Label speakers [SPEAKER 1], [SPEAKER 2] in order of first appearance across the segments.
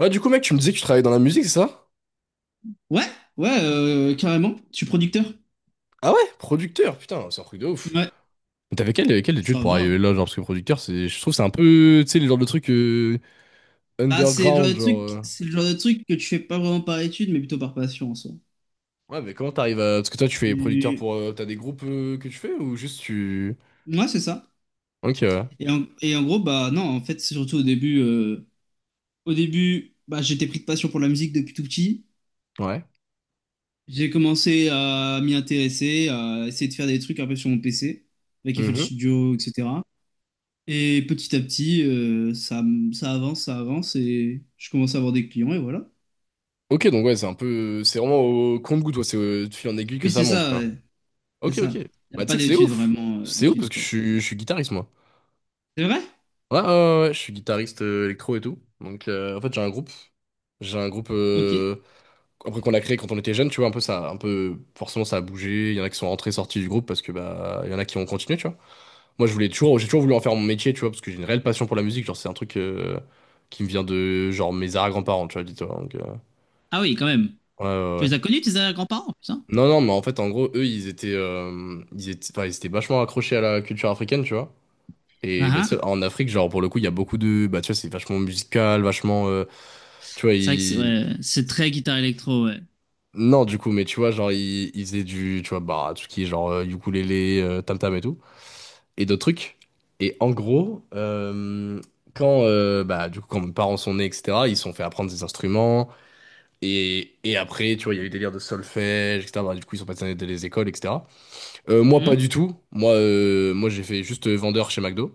[SPEAKER 1] Ouais, du coup, mec, tu me disais que tu travaillais dans la musique, c'est ça?
[SPEAKER 2] Ouais, ouais, carrément. Je suis producteur.
[SPEAKER 1] Ah ouais, producteur, putain, c'est un truc de ouf.
[SPEAKER 2] Ouais,
[SPEAKER 1] Mais t'avais quelle étude
[SPEAKER 2] ça
[SPEAKER 1] pour
[SPEAKER 2] va, hein.
[SPEAKER 1] arriver là, genre, parce que producteur, c'est, je trouve que c'est un peu, tu sais, le genre de truc
[SPEAKER 2] Ah, c'est le genre de
[SPEAKER 1] underground,
[SPEAKER 2] truc,
[SPEAKER 1] genre.
[SPEAKER 2] c'est le genre de truc que tu fais pas vraiment par étude, mais plutôt par passion en soi.
[SPEAKER 1] Ouais, mais comment t'arrives à. Parce que toi, tu fais producteur
[SPEAKER 2] Et-
[SPEAKER 1] pour. T'as des groupes que tu fais ou juste tu.
[SPEAKER 2] Ouais, c'est ça.
[SPEAKER 1] Ok, ouais.
[SPEAKER 2] Et en gros, bah non, en fait, c'est surtout au début, bah j'étais pris de passion pour la musique depuis tout petit.
[SPEAKER 1] Ouais.
[SPEAKER 2] J'ai commencé à m'y intéresser, à essayer de faire des trucs un peu sur mon PC, avec FL
[SPEAKER 1] Mhm.
[SPEAKER 2] Studio, etc. Et petit à petit, ça avance, ça avance, et je commence à avoir des clients, et voilà.
[SPEAKER 1] Ok, donc ouais, c'est un peu. C'est vraiment au compte-goutte, ouais, c'est de fil en aiguille que
[SPEAKER 2] Oui,
[SPEAKER 1] ça
[SPEAKER 2] c'est
[SPEAKER 1] monte,
[SPEAKER 2] ça,
[SPEAKER 1] quoi.
[SPEAKER 2] ouais. C'est
[SPEAKER 1] Ok,
[SPEAKER 2] ça.
[SPEAKER 1] ok.
[SPEAKER 2] Il n'y
[SPEAKER 1] Bah,
[SPEAKER 2] a
[SPEAKER 1] tu
[SPEAKER 2] pas
[SPEAKER 1] sais que c'est
[SPEAKER 2] d'études
[SPEAKER 1] ouf.
[SPEAKER 2] vraiment,
[SPEAKER 1] C'est ouf
[SPEAKER 2] d'études,
[SPEAKER 1] parce que je
[SPEAKER 2] quoi.
[SPEAKER 1] suis, je suis guitariste, moi.
[SPEAKER 2] C'est vrai?
[SPEAKER 1] Ouais, ouais, ouais, ouais, je suis guitariste électro et tout. Donc, en fait, j'ai un groupe. J'ai un groupe
[SPEAKER 2] Ok.
[SPEAKER 1] euh, après qu'on a créé quand on était jeune, tu vois, un peu ça, un peu forcément ça a bougé. Il y en a qui sont rentrés, sortis du groupe parce que bah il y en a qui ont continué, tu vois. Moi, j'ai toujours voulu en faire mon métier, tu vois, parce que j'ai une réelle passion pour la musique. Genre, c'est un truc qui me vient de genre mes arrière-grands-parents, tu vois, dis-toi. Donc,
[SPEAKER 2] Ah oui, quand même.
[SPEAKER 1] ouais, ouais,
[SPEAKER 2] Tu
[SPEAKER 1] ouais.
[SPEAKER 2] les as connus, tes grands-parents, putain.
[SPEAKER 1] Non, non, mais en fait, en gros, eux, ils étaient vachement accrochés à la culture africaine, tu vois. Et bah,
[SPEAKER 2] Ah
[SPEAKER 1] tu sais,
[SPEAKER 2] ah.
[SPEAKER 1] en Afrique, genre pour le coup, il y a beaucoup de, bah tu vois, c'est vachement musical, vachement, tu vois,
[SPEAKER 2] C'est vrai que c'est,
[SPEAKER 1] ils.
[SPEAKER 2] ouais, c'est très guitare électro, ouais.
[SPEAKER 1] Non, du coup, mais tu vois, genre, ils faisaient du, tu vois, bah, tout ce qui est genre ukulélé, tam-tam et tout, et d'autres trucs. Et en gros, quand, bah, du coup, quand mes parents sont nés, etc., ils se sont fait apprendre des instruments, et, après, tu vois, il y a eu des délires de solfège, etc., bah, du coup, ils sont passés dans les écoles, etc. Moi, pas du
[SPEAKER 2] Mhm.
[SPEAKER 1] tout. Moi, j'ai fait juste vendeur chez McDo.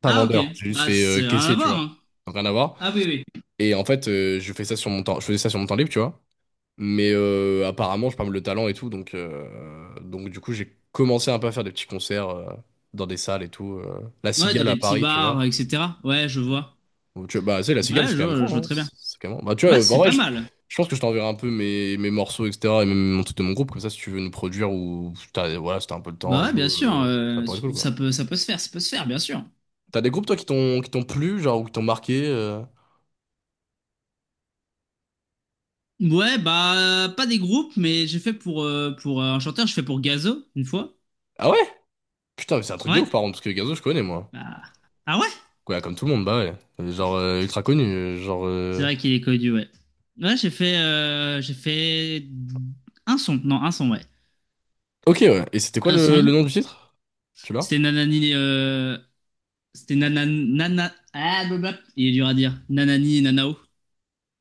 [SPEAKER 1] Pas
[SPEAKER 2] Ah ok.
[SPEAKER 1] vendeur, j'ai juste
[SPEAKER 2] Bah,
[SPEAKER 1] fait
[SPEAKER 2] c'est rien à
[SPEAKER 1] caissier, tu
[SPEAKER 2] voir,
[SPEAKER 1] vois.
[SPEAKER 2] hein.
[SPEAKER 1] Donc, rien à voir.
[SPEAKER 2] Ah oui, oui.
[SPEAKER 1] Et en fait, je faisais ça sur mon temps libre, tu vois. Mais apparemment, j'ai pas mal de talent et tout, donc, j'ai commencé un peu à faire des petits concerts dans des salles et tout. La
[SPEAKER 2] Ouais, dans
[SPEAKER 1] Cigale à
[SPEAKER 2] des petits
[SPEAKER 1] Paris, tu
[SPEAKER 2] bars,
[SPEAKER 1] vois.
[SPEAKER 2] etc. Ouais, je vois.
[SPEAKER 1] Bah, tu sais, la
[SPEAKER 2] Bah,
[SPEAKER 1] Cigale,
[SPEAKER 2] ouais,
[SPEAKER 1] c'est
[SPEAKER 2] je,
[SPEAKER 1] quand même
[SPEAKER 2] vois- je vois
[SPEAKER 1] grand, hein.
[SPEAKER 2] très bien.
[SPEAKER 1] C'est quand même... Bah, tu vois,
[SPEAKER 2] Ouais,
[SPEAKER 1] en
[SPEAKER 2] c'est
[SPEAKER 1] vrai,
[SPEAKER 2] pas mal.
[SPEAKER 1] je pense que je t'enverrai un peu mes morceaux, etc., et même mon truc de mon groupe, comme ça, si tu veux nous produire ou... Voilà, si t'as un peu le temps et
[SPEAKER 2] Bah, ouais,
[SPEAKER 1] tout,
[SPEAKER 2] bien sûr.
[SPEAKER 1] ça
[SPEAKER 2] euh,
[SPEAKER 1] pourrait être cool, quoi.
[SPEAKER 2] ça peut, ça peut se faire, ça peut se faire, bien sûr.
[SPEAKER 1] T'as des groupes, toi, qui t'ont plu, genre, ou qui t'ont marqué euh.
[SPEAKER 2] Ouais, bah, pas des groupes, mais j'ai fait pour un chanteur, je fais pour Gazo, une fois.
[SPEAKER 1] Ah ouais? Putain, mais c'est un truc de
[SPEAKER 2] Ouais.
[SPEAKER 1] ouf, par contre, parce que Gazo, je connais, moi.
[SPEAKER 2] Bah, ah ouais?
[SPEAKER 1] Ouais, comme tout le monde, bah ouais. Genre, ultra connu, euh, genre...
[SPEAKER 2] C'est
[SPEAKER 1] euh,
[SPEAKER 2] vrai qu'il est connu, ouais. Ouais, j'ai fait un son. Non, un son, ouais.
[SPEAKER 1] Ok, ouais. Et c'était quoi
[SPEAKER 2] Un
[SPEAKER 1] le
[SPEAKER 2] son.
[SPEAKER 1] nom du titre? Tu l'as?
[SPEAKER 2] C'était Nanani. C'était Nanana. Nana... Ah, blablabla. Il est dur à dire. Nanani et Nanao.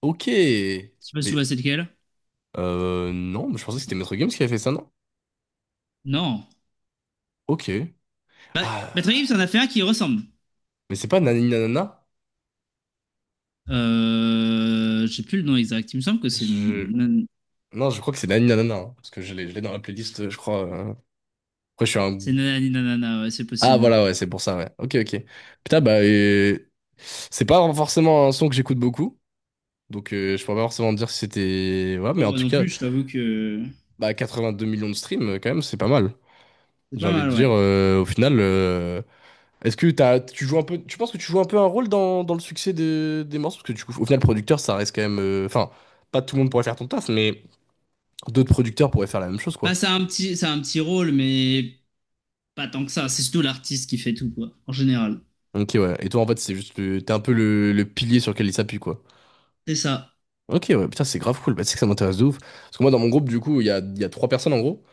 [SPEAKER 1] Ok.
[SPEAKER 2] Je sais pas si tu
[SPEAKER 1] Mais
[SPEAKER 2] vois c'est lequel.
[SPEAKER 1] non, mais je pensais que c'était Maître Games qui avait fait ça, non?
[SPEAKER 2] Non.
[SPEAKER 1] Ok.
[SPEAKER 2] Bah, Patrick
[SPEAKER 1] Ah,
[SPEAKER 2] Gibbs en a fait un qui ressemble.
[SPEAKER 1] mais c'est pas Nani Nanana?
[SPEAKER 2] J'ai plus le nom exact. Il me semble que c'est
[SPEAKER 1] Je...
[SPEAKER 2] Nan-
[SPEAKER 1] Non, je crois que c'est Nani Nanana, hein, parce que je l'ai dans la playlist, je crois. Après, je suis un...
[SPEAKER 2] c'est Nanani Nanana. Ouais, c'est
[SPEAKER 1] Ah,
[SPEAKER 2] possible.
[SPEAKER 1] voilà, ouais, c'est pour ça, ouais. Ok, ok. Putain, bah, c'est pas forcément un son que j'écoute beaucoup, donc je pourrais pas forcément dire si c'était... Ouais,
[SPEAKER 2] Bon,
[SPEAKER 1] mais
[SPEAKER 2] bah,
[SPEAKER 1] en
[SPEAKER 2] moi
[SPEAKER 1] tout
[SPEAKER 2] non
[SPEAKER 1] cas,
[SPEAKER 2] plus, je t'avoue que
[SPEAKER 1] bah, 82 millions de streams, quand même, c'est pas mal.
[SPEAKER 2] c'est
[SPEAKER 1] J'ai
[SPEAKER 2] pas
[SPEAKER 1] envie de
[SPEAKER 2] mal,
[SPEAKER 1] dire,
[SPEAKER 2] ouais.
[SPEAKER 1] au final. Est-ce que tu joues un peu, tu penses que tu joues un peu un rôle dans le succès des morceaux? Parce que du coup, au final, producteur, ça reste quand même. Enfin, pas tout le monde pourrait faire ton taf, mais d'autres producteurs pourraient faire la même chose, quoi.
[SPEAKER 2] Bah, c'est un petit rôle, mais pas tant que ça, c'est surtout l'artiste qui fait tout, quoi, en général.
[SPEAKER 1] Ok, ouais. Et toi, en fait, c'est juste t'es un peu le pilier sur lequel ils s'appuient, quoi.
[SPEAKER 2] C'est ça.
[SPEAKER 1] Ok, ouais, putain, c'est grave cool. Bah, tu sais que ça m'intéresse de ouf. Parce que moi, dans mon groupe, du coup, il y a 3 personnes, en gros.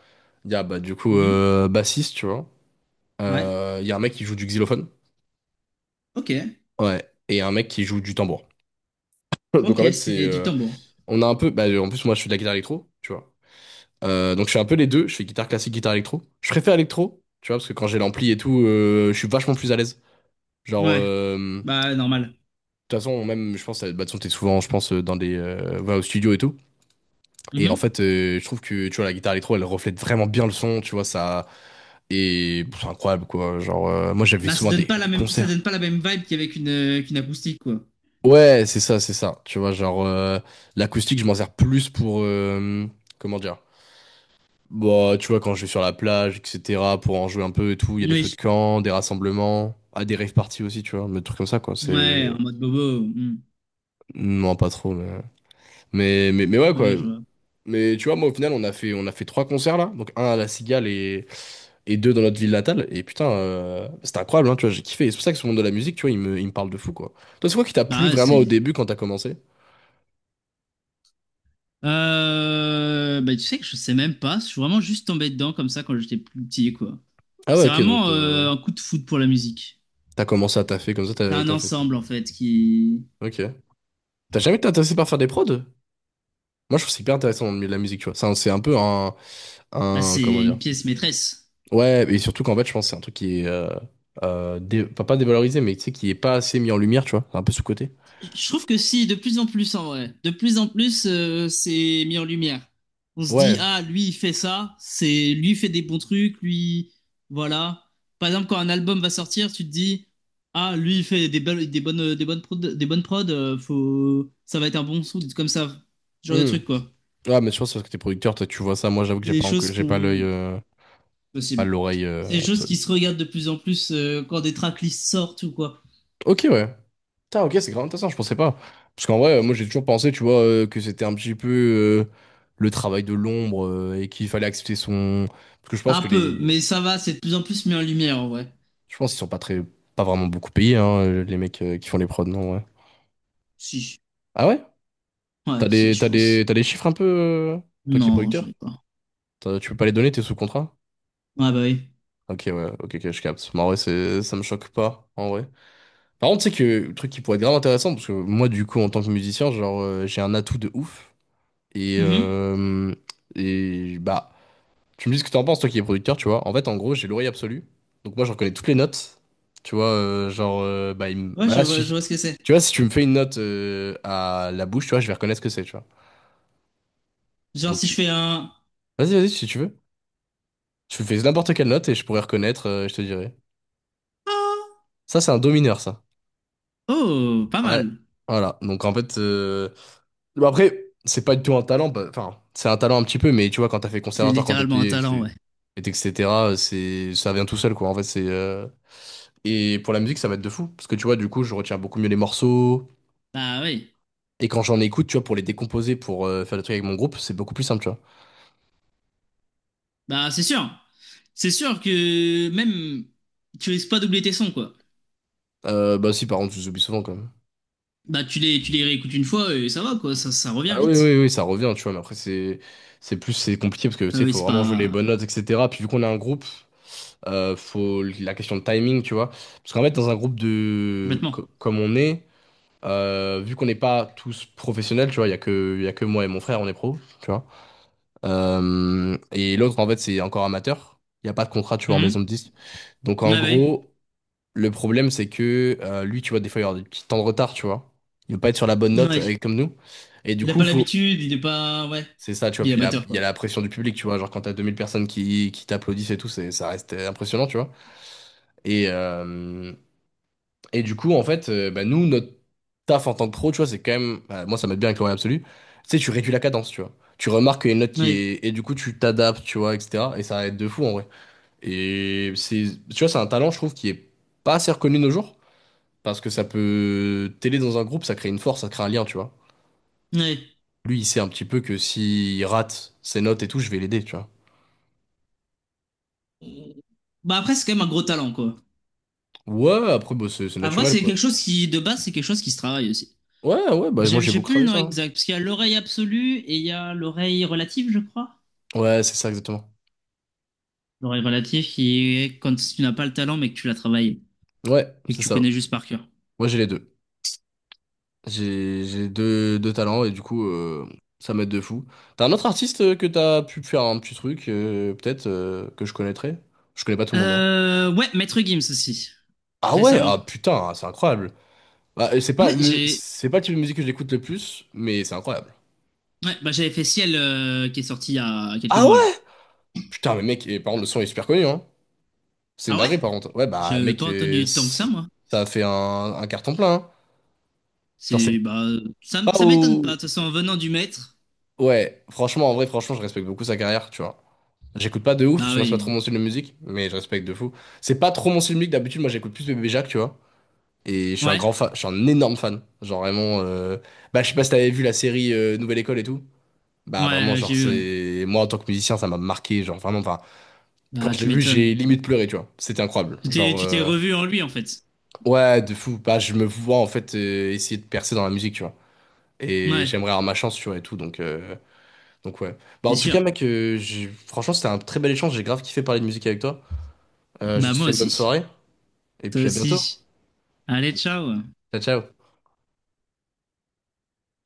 [SPEAKER 1] Il y a, bah, du coup,
[SPEAKER 2] Mhm.
[SPEAKER 1] bassiste, tu vois.
[SPEAKER 2] Ouais.
[SPEAKER 1] Il y a un mec qui joue du xylophone.
[SPEAKER 2] Ok.
[SPEAKER 1] Ouais. Et un mec qui joue du tambour. Donc, en
[SPEAKER 2] Ok,
[SPEAKER 1] fait, c'est.
[SPEAKER 2] c'est du tambour.
[SPEAKER 1] On a un peu. Bah, en plus, moi, je suis de la guitare électro, tu vois. Donc je fais un peu les deux, je fais guitare classique, guitare électro. Je préfère électro, tu vois, parce que quand j'ai l'ampli et tout, je suis vachement plus à l'aise. Genre,
[SPEAKER 2] Ouais.
[SPEAKER 1] euh, de
[SPEAKER 2] Bah, normal.
[SPEAKER 1] toute façon, même, je pense, bah, de toute façon, t'es souvent, je pense, va au studio et tout. Et en
[SPEAKER 2] Mhm.
[SPEAKER 1] fait, je trouve que, tu vois, la guitare électro, elle reflète vraiment bien le son, tu vois, ça... Et pff, c'est incroyable, quoi. Genre, moi, j'avais
[SPEAKER 2] Bah, ça
[SPEAKER 1] souvent
[SPEAKER 2] donne pas la
[SPEAKER 1] des
[SPEAKER 2] même, ça
[SPEAKER 1] concerts.
[SPEAKER 2] donne pas la même vibe qu'avec qu'une acoustique, quoi.
[SPEAKER 1] Ouais, c'est ça. Tu vois, genre, l'acoustique, je m'en sers plus pour... comment dire? Bah, tu vois, quand je vais sur la plage, etc., pour en jouer un peu et tout, il y a des feux de
[SPEAKER 2] Oui.
[SPEAKER 1] camp, des rassemblements, ah, des rave parties aussi, tu vois, mais des trucs comme ça, quoi.
[SPEAKER 2] Ouais,
[SPEAKER 1] C'est.
[SPEAKER 2] en mode bobo. Mhm.
[SPEAKER 1] Non, pas trop, mais...
[SPEAKER 2] Non,
[SPEAKER 1] ouais,
[SPEAKER 2] mais
[SPEAKER 1] quoi.
[SPEAKER 2] ouais, je vois.
[SPEAKER 1] Mais tu vois, moi, au final, on a fait 3 concerts, là. Donc, un à La Cigale et, deux dans notre ville natale. Et putain, c'était incroyable, hein, tu vois, j'ai kiffé. Et c'est pour ça que ce monde de la musique, tu vois, il me parle de fou, quoi. Toi, c'est quoi qui t'a plu
[SPEAKER 2] Bah, ouais,
[SPEAKER 1] vraiment au
[SPEAKER 2] c'est.
[SPEAKER 1] début quand t'as commencé?
[SPEAKER 2] Bah, tu sais que je sais même pas. Je suis vraiment juste tombé dedans comme ça quand j'étais plus petit, quoi.
[SPEAKER 1] Ah ouais,
[SPEAKER 2] C'est
[SPEAKER 1] ok,
[SPEAKER 2] vraiment
[SPEAKER 1] donc
[SPEAKER 2] un coup de foudre pour la musique.
[SPEAKER 1] t'as commencé à taffer comme ça,
[SPEAKER 2] C'est un
[SPEAKER 1] t'as fait tes
[SPEAKER 2] ensemble, en
[SPEAKER 1] trucs.
[SPEAKER 2] fait, qui.
[SPEAKER 1] Ok. T'as jamais été intéressé par faire des prods? Moi, je trouve que c'est hyper intéressant dans le milieu de la musique, tu vois. C'est un peu un,
[SPEAKER 2] Bah,
[SPEAKER 1] Comment
[SPEAKER 2] c'est une
[SPEAKER 1] dire?
[SPEAKER 2] pièce maîtresse.
[SPEAKER 1] Ouais, et surtout qu'en fait, je pense que c'est un truc qui est. Pas dévalorisé, mais tu sais, qui est pas assez mis en lumière, tu vois. C'est un peu sous côté.
[SPEAKER 2] Je trouve que si, de plus en plus en vrai. De plus en plus, c'est mis en lumière. On se dit,
[SPEAKER 1] Ouais.
[SPEAKER 2] ah, lui, il fait ça, c'est lui il fait des bons trucs, lui, voilà. Par exemple, quand un album va sortir, tu te dis, ah, lui, il fait des belles, des bonnes prod, faut, ça va être un bon son, comme ça, ce genre de
[SPEAKER 1] Hmm.
[SPEAKER 2] trucs, quoi.
[SPEAKER 1] Ouais, mais je pense que c'est parce que t'es producteur, toi, tu vois ça. Moi, j'avoue que
[SPEAKER 2] C'est
[SPEAKER 1] j'ai
[SPEAKER 2] des
[SPEAKER 1] pas,
[SPEAKER 2] choses
[SPEAKER 1] j'ai pas l'œil.
[SPEAKER 2] qu'on,
[SPEAKER 1] Pas
[SPEAKER 2] possible.
[SPEAKER 1] l'oreille
[SPEAKER 2] C'est des choses
[SPEAKER 1] absolue.
[SPEAKER 2] qui se regardent de plus en plus quand des tracklists sortent ou quoi.
[SPEAKER 1] Ok, ouais. Putain, ok, c'est grave intéressant, je pensais pas. Parce qu'en vrai, moi, j'ai toujours pensé, tu vois, que c'était un petit peu. euh, le travail de l'ombre et qu'il fallait accepter son. Parce que je pense
[SPEAKER 2] Un
[SPEAKER 1] que
[SPEAKER 2] peu,
[SPEAKER 1] les,
[SPEAKER 2] mais ça va, c'est de plus en plus mis en lumière en vrai.
[SPEAKER 1] Je pense qu'ils sont pas très, pas vraiment beaucoup payés, hein, les mecs qui font les prods, non, ouais.
[SPEAKER 2] Si, si.
[SPEAKER 1] Ah ouais?
[SPEAKER 2] Ouais, si, je pense.
[SPEAKER 1] T'as des chiffres un peu, toi qui es
[SPEAKER 2] Non, je
[SPEAKER 1] producteur?
[SPEAKER 2] ai pas.
[SPEAKER 1] Tu peux pas les donner, t'es sous contrat?
[SPEAKER 2] Ah bah oui.
[SPEAKER 1] Ok, ouais, ok, ok, je capte. Mais en vrai, ça me choque pas, en vrai. Par contre, tu sais que le truc qui pourrait être grave intéressant, parce que moi, du coup, en tant que musicien, genre, j'ai un atout de ouf. Et,
[SPEAKER 2] Mhm.
[SPEAKER 1] bah, tu me dis ce que t'en penses, toi qui es producteur, tu vois. En fait, en gros, j'ai l'oreille absolue. Donc moi, je reconnais toutes les notes. Tu vois, bah,
[SPEAKER 2] Ouais,
[SPEAKER 1] bah, là,
[SPEAKER 2] je
[SPEAKER 1] si-
[SPEAKER 2] vois ce que c'est.
[SPEAKER 1] tu vois, si tu me fais une note à la bouche, tu vois, je vais reconnaître ce que c'est, tu vois.
[SPEAKER 2] Genre
[SPEAKER 1] Donc,
[SPEAKER 2] si je fais un...
[SPEAKER 1] vas-y, vas-y, si tu veux. Tu fais n'importe quelle note et je pourrais reconnaître, je te dirai.
[SPEAKER 2] Ah.
[SPEAKER 1] Ça, c'est un do mineur, ça.
[SPEAKER 2] Oh, pas
[SPEAKER 1] Ouais.
[SPEAKER 2] mal.
[SPEAKER 1] Voilà. Donc, en fait, bah, après, c'est pas du tout un talent. Bah, Enfin, c'est un talent un petit peu, mais tu vois, quand t'as fait
[SPEAKER 2] C'est
[SPEAKER 1] conservatoire quand t'es petit,
[SPEAKER 2] littéralement un talent, ouais.
[SPEAKER 1] etc., c'est... ça vient tout seul, quoi. En fait, et pour la musique, ça va être de fou. Parce que tu vois, du coup, je retiens beaucoup mieux les morceaux.
[SPEAKER 2] Bah oui.
[SPEAKER 1] Et quand j'en écoute, tu vois, pour les décomposer, pour faire des trucs avec mon groupe, c'est beaucoup plus simple, tu vois.
[SPEAKER 2] Bah c'est sûr. C'est sûr que même tu risques pas doubler tes sons, quoi.
[SPEAKER 1] Bah si, par contre, je les oublie souvent quand même.
[SPEAKER 2] Bah tu les réécoutes une fois et ça va, quoi. Ça revient
[SPEAKER 1] Ah oui,
[SPEAKER 2] vite.
[SPEAKER 1] oui, oui, ça revient, tu vois. Mais après, c'est compliqué parce que, tu
[SPEAKER 2] Ah
[SPEAKER 1] sais, il
[SPEAKER 2] oui,
[SPEAKER 1] faut
[SPEAKER 2] c'est
[SPEAKER 1] vraiment jouer les
[SPEAKER 2] pas...
[SPEAKER 1] bonnes notes, etc. Puis vu qu'on a un groupe, faut la question de timing, tu vois. Parce qu'en fait, dans un groupe de...
[SPEAKER 2] Complètement.
[SPEAKER 1] comme on est, vu qu'on n'est pas tous professionnels, tu vois, il y a que... il y a que moi et mon frère, on est pro, tu vois. Et l'autre, en fait, c'est encore amateur. Il n'y a pas de contrat, tu vois, en maison
[SPEAKER 2] Mhm.
[SPEAKER 1] de disque. Donc, en
[SPEAKER 2] Ah oui.
[SPEAKER 1] gros, le problème, c'est que lui, tu vois, des fois, il va avoir des petits temps de retard, tu vois. Il ne veut pas être sur la bonne note
[SPEAKER 2] Ouais.
[SPEAKER 1] comme nous. Et du
[SPEAKER 2] Il a
[SPEAKER 1] coup,
[SPEAKER 2] pas
[SPEAKER 1] faut...
[SPEAKER 2] l'habitude, il est pas... Ouais.
[SPEAKER 1] c'est ça, tu vois.
[SPEAKER 2] Il est
[SPEAKER 1] Puis, là,
[SPEAKER 2] amateur,
[SPEAKER 1] il y a
[SPEAKER 2] quoi.
[SPEAKER 1] la pression du public, tu vois. Genre, quand t'as as 2000 personnes qui t'applaudissent et tout, c'est, ça reste impressionnant, tu vois. Et, euh, et du coup, en fait, bah, nous, notre taf en tant que pro, tu vois, c'est quand même. Bah, moi, ça m'aide bien avec l'oreille absolue. Tu sais, tu réduis la cadence, tu vois. Tu remarques qu'il y a une note qui
[SPEAKER 2] Ouais.
[SPEAKER 1] est. Et du coup, tu t'adaptes, tu vois, etc. Et ça va être de fou, en vrai. Et c'est. Tu vois, c'est un talent, je trouve, qui est pas assez reconnu de nos jours. Parce que ça peut t'aider dans un groupe, ça crée une force, ça crée un lien, tu vois.
[SPEAKER 2] Ouais.
[SPEAKER 1] Lui, il sait un petit peu que s'il rate ses notes et tout, je vais l'aider, tu vois.
[SPEAKER 2] Bah après, c'est quand même un gros talent, quoi.
[SPEAKER 1] Ouais, après, bah, c'est
[SPEAKER 2] Après,
[SPEAKER 1] naturel,
[SPEAKER 2] c'est
[SPEAKER 1] quoi.
[SPEAKER 2] quelque chose qui, de base, c'est quelque chose qui se travaille aussi.
[SPEAKER 1] Ouais, ouais, bah, moi,
[SPEAKER 2] J'ai
[SPEAKER 1] j'ai
[SPEAKER 2] j'ai
[SPEAKER 1] beaucoup
[SPEAKER 2] plus le
[SPEAKER 1] travaillé
[SPEAKER 2] nom
[SPEAKER 1] ça, hein.
[SPEAKER 2] exact, parce qu'il y a l'oreille absolue et il y a l'oreille relative, je crois.
[SPEAKER 1] Ouais, c'est ça, exactement.
[SPEAKER 2] L'oreille relative qui est quand tu n'as pas le talent, mais que tu l'as travaillé
[SPEAKER 1] Ouais,
[SPEAKER 2] et que
[SPEAKER 1] c'est
[SPEAKER 2] tu
[SPEAKER 1] ça.
[SPEAKER 2] connais juste par cœur.
[SPEAKER 1] Moi, j'ai les deux. J'ai deux talents et du coup, ça m'aide de fou. T'as un autre artiste que t'as pu faire un petit truc, peut-être, que je connaîtrais? Je connais pas tout le monde, hein.
[SPEAKER 2] Ouais, Maître Gims aussi,
[SPEAKER 1] Ah ouais,
[SPEAKER 2] récemment.
[SPEAKER 1] ah putain, c'est incroyable. Bah,
[SPEAKER 2] Ouais,
[SPEAKER 1] c'est pas le type de musique que j'écoute le plus, mais c'est incroyable.
[SPEAKER 2] ouais, bah, j'avais fait Ciel, qui est sorti il y a quelques
[SPEAKER 1] Ah
[SPEAKER 2] mois, là.
[SPEAKER 1] ouais? Putain, mais mec, et, par contre, le son est super connu, hein. C'est une
[SPEAKER 2] Ah ouais?
[SPEAKER 1] dinguerie, par contre. Ouais, bah,
[SPEAKER 2] J'ai
[SPEAKER 1] mec,
[SPEAKER 2] pas entendu tant que ça, moi.
[SPEAKER 1] ça a fait un carton plein, hein. Genre, c'est
[SPEAKER 2] C'est, bah, ça, m-
[SPEAKER 1] pas
[SPEAKER 2] ça m'étonne pas. De
[SPEAKER 1] au...
[SPEAKER 2] toute façon, en venant du maître,
[SPEAKER 1] Ouais, franchement, en vrai, franchement, je respecte beaucoup sa carrière, tu vois. J'écoute pas de ouf, parce
[SPEAKER 2] bah
[SPEAKER 1] que moi c'est pas trop
[SPEAKER 2] oui.
[SPEAKER 1] mon style de musique, mais je respecte de fou. C'est pas trop mon style de musique, d'habitude moi j'écoute plus Bébé Jacques, tu vois. Et je suis un
[SPEAKER 2] Ouais,
[SPEAKER 1] grand fan, je suis un énorme fan. Genre vraiment, bah je sais pas si t'avais vu la série Nouvelle École et tout. Bah vraiment
[SPEAKER 2] ouais, j'ai
[SPEAKER 1] genre
[SPEAKER 2] eu, ouais.
[SPEAKER 1] c'est, moi en tant que musicien ça m'a marqué, genre vraiment, enfin quand
[SPEAKER 2] Ah
[SPEAKER 1] je l'ai
[SPEAKER 2] tu
[SPEAKER 1] vu
[SPEAKER 2] m'étonnes.
[SPEAKER 1] j'ai limite pleuré, tu vois. C'était incroyable,
[SPEAKER 2] Tu t'es,
[SPEAKER 1] genre
[SPEAKER 2] tu t'es revu en lui, en fait.
[SPEAKER 1] ouais de fou. Bah je me vois en fait essayer de percer dans la musique, tu vois. Et
[SPEAKER 2] Ouais,
[SPEAKER 1] j'aimerais avoir ma chance, tu vois et tout, donc ouais. Bah
[SPEAKER 2] c'est
[SPEAKER 1] en tout
[SPEAKER 2] sûr.
[SPEAKER 1] cas mec, franchement c'était un très bel échange, j'ai grave kiffé parler de musique avec toi. Je te
[SPEAKER 2] Bah, moi
[SPEAKER 1] souhaite une bonne
[SPEAKER 2] aussi.
[SPEAKER 1] soirée et
[SPEAKER 2] Toi
[SPEAKER 1] puis à bientôt.
[SPEAKER 2] aussi. Allez, ciao.
[SPEAKER 1] Ciao, ciao.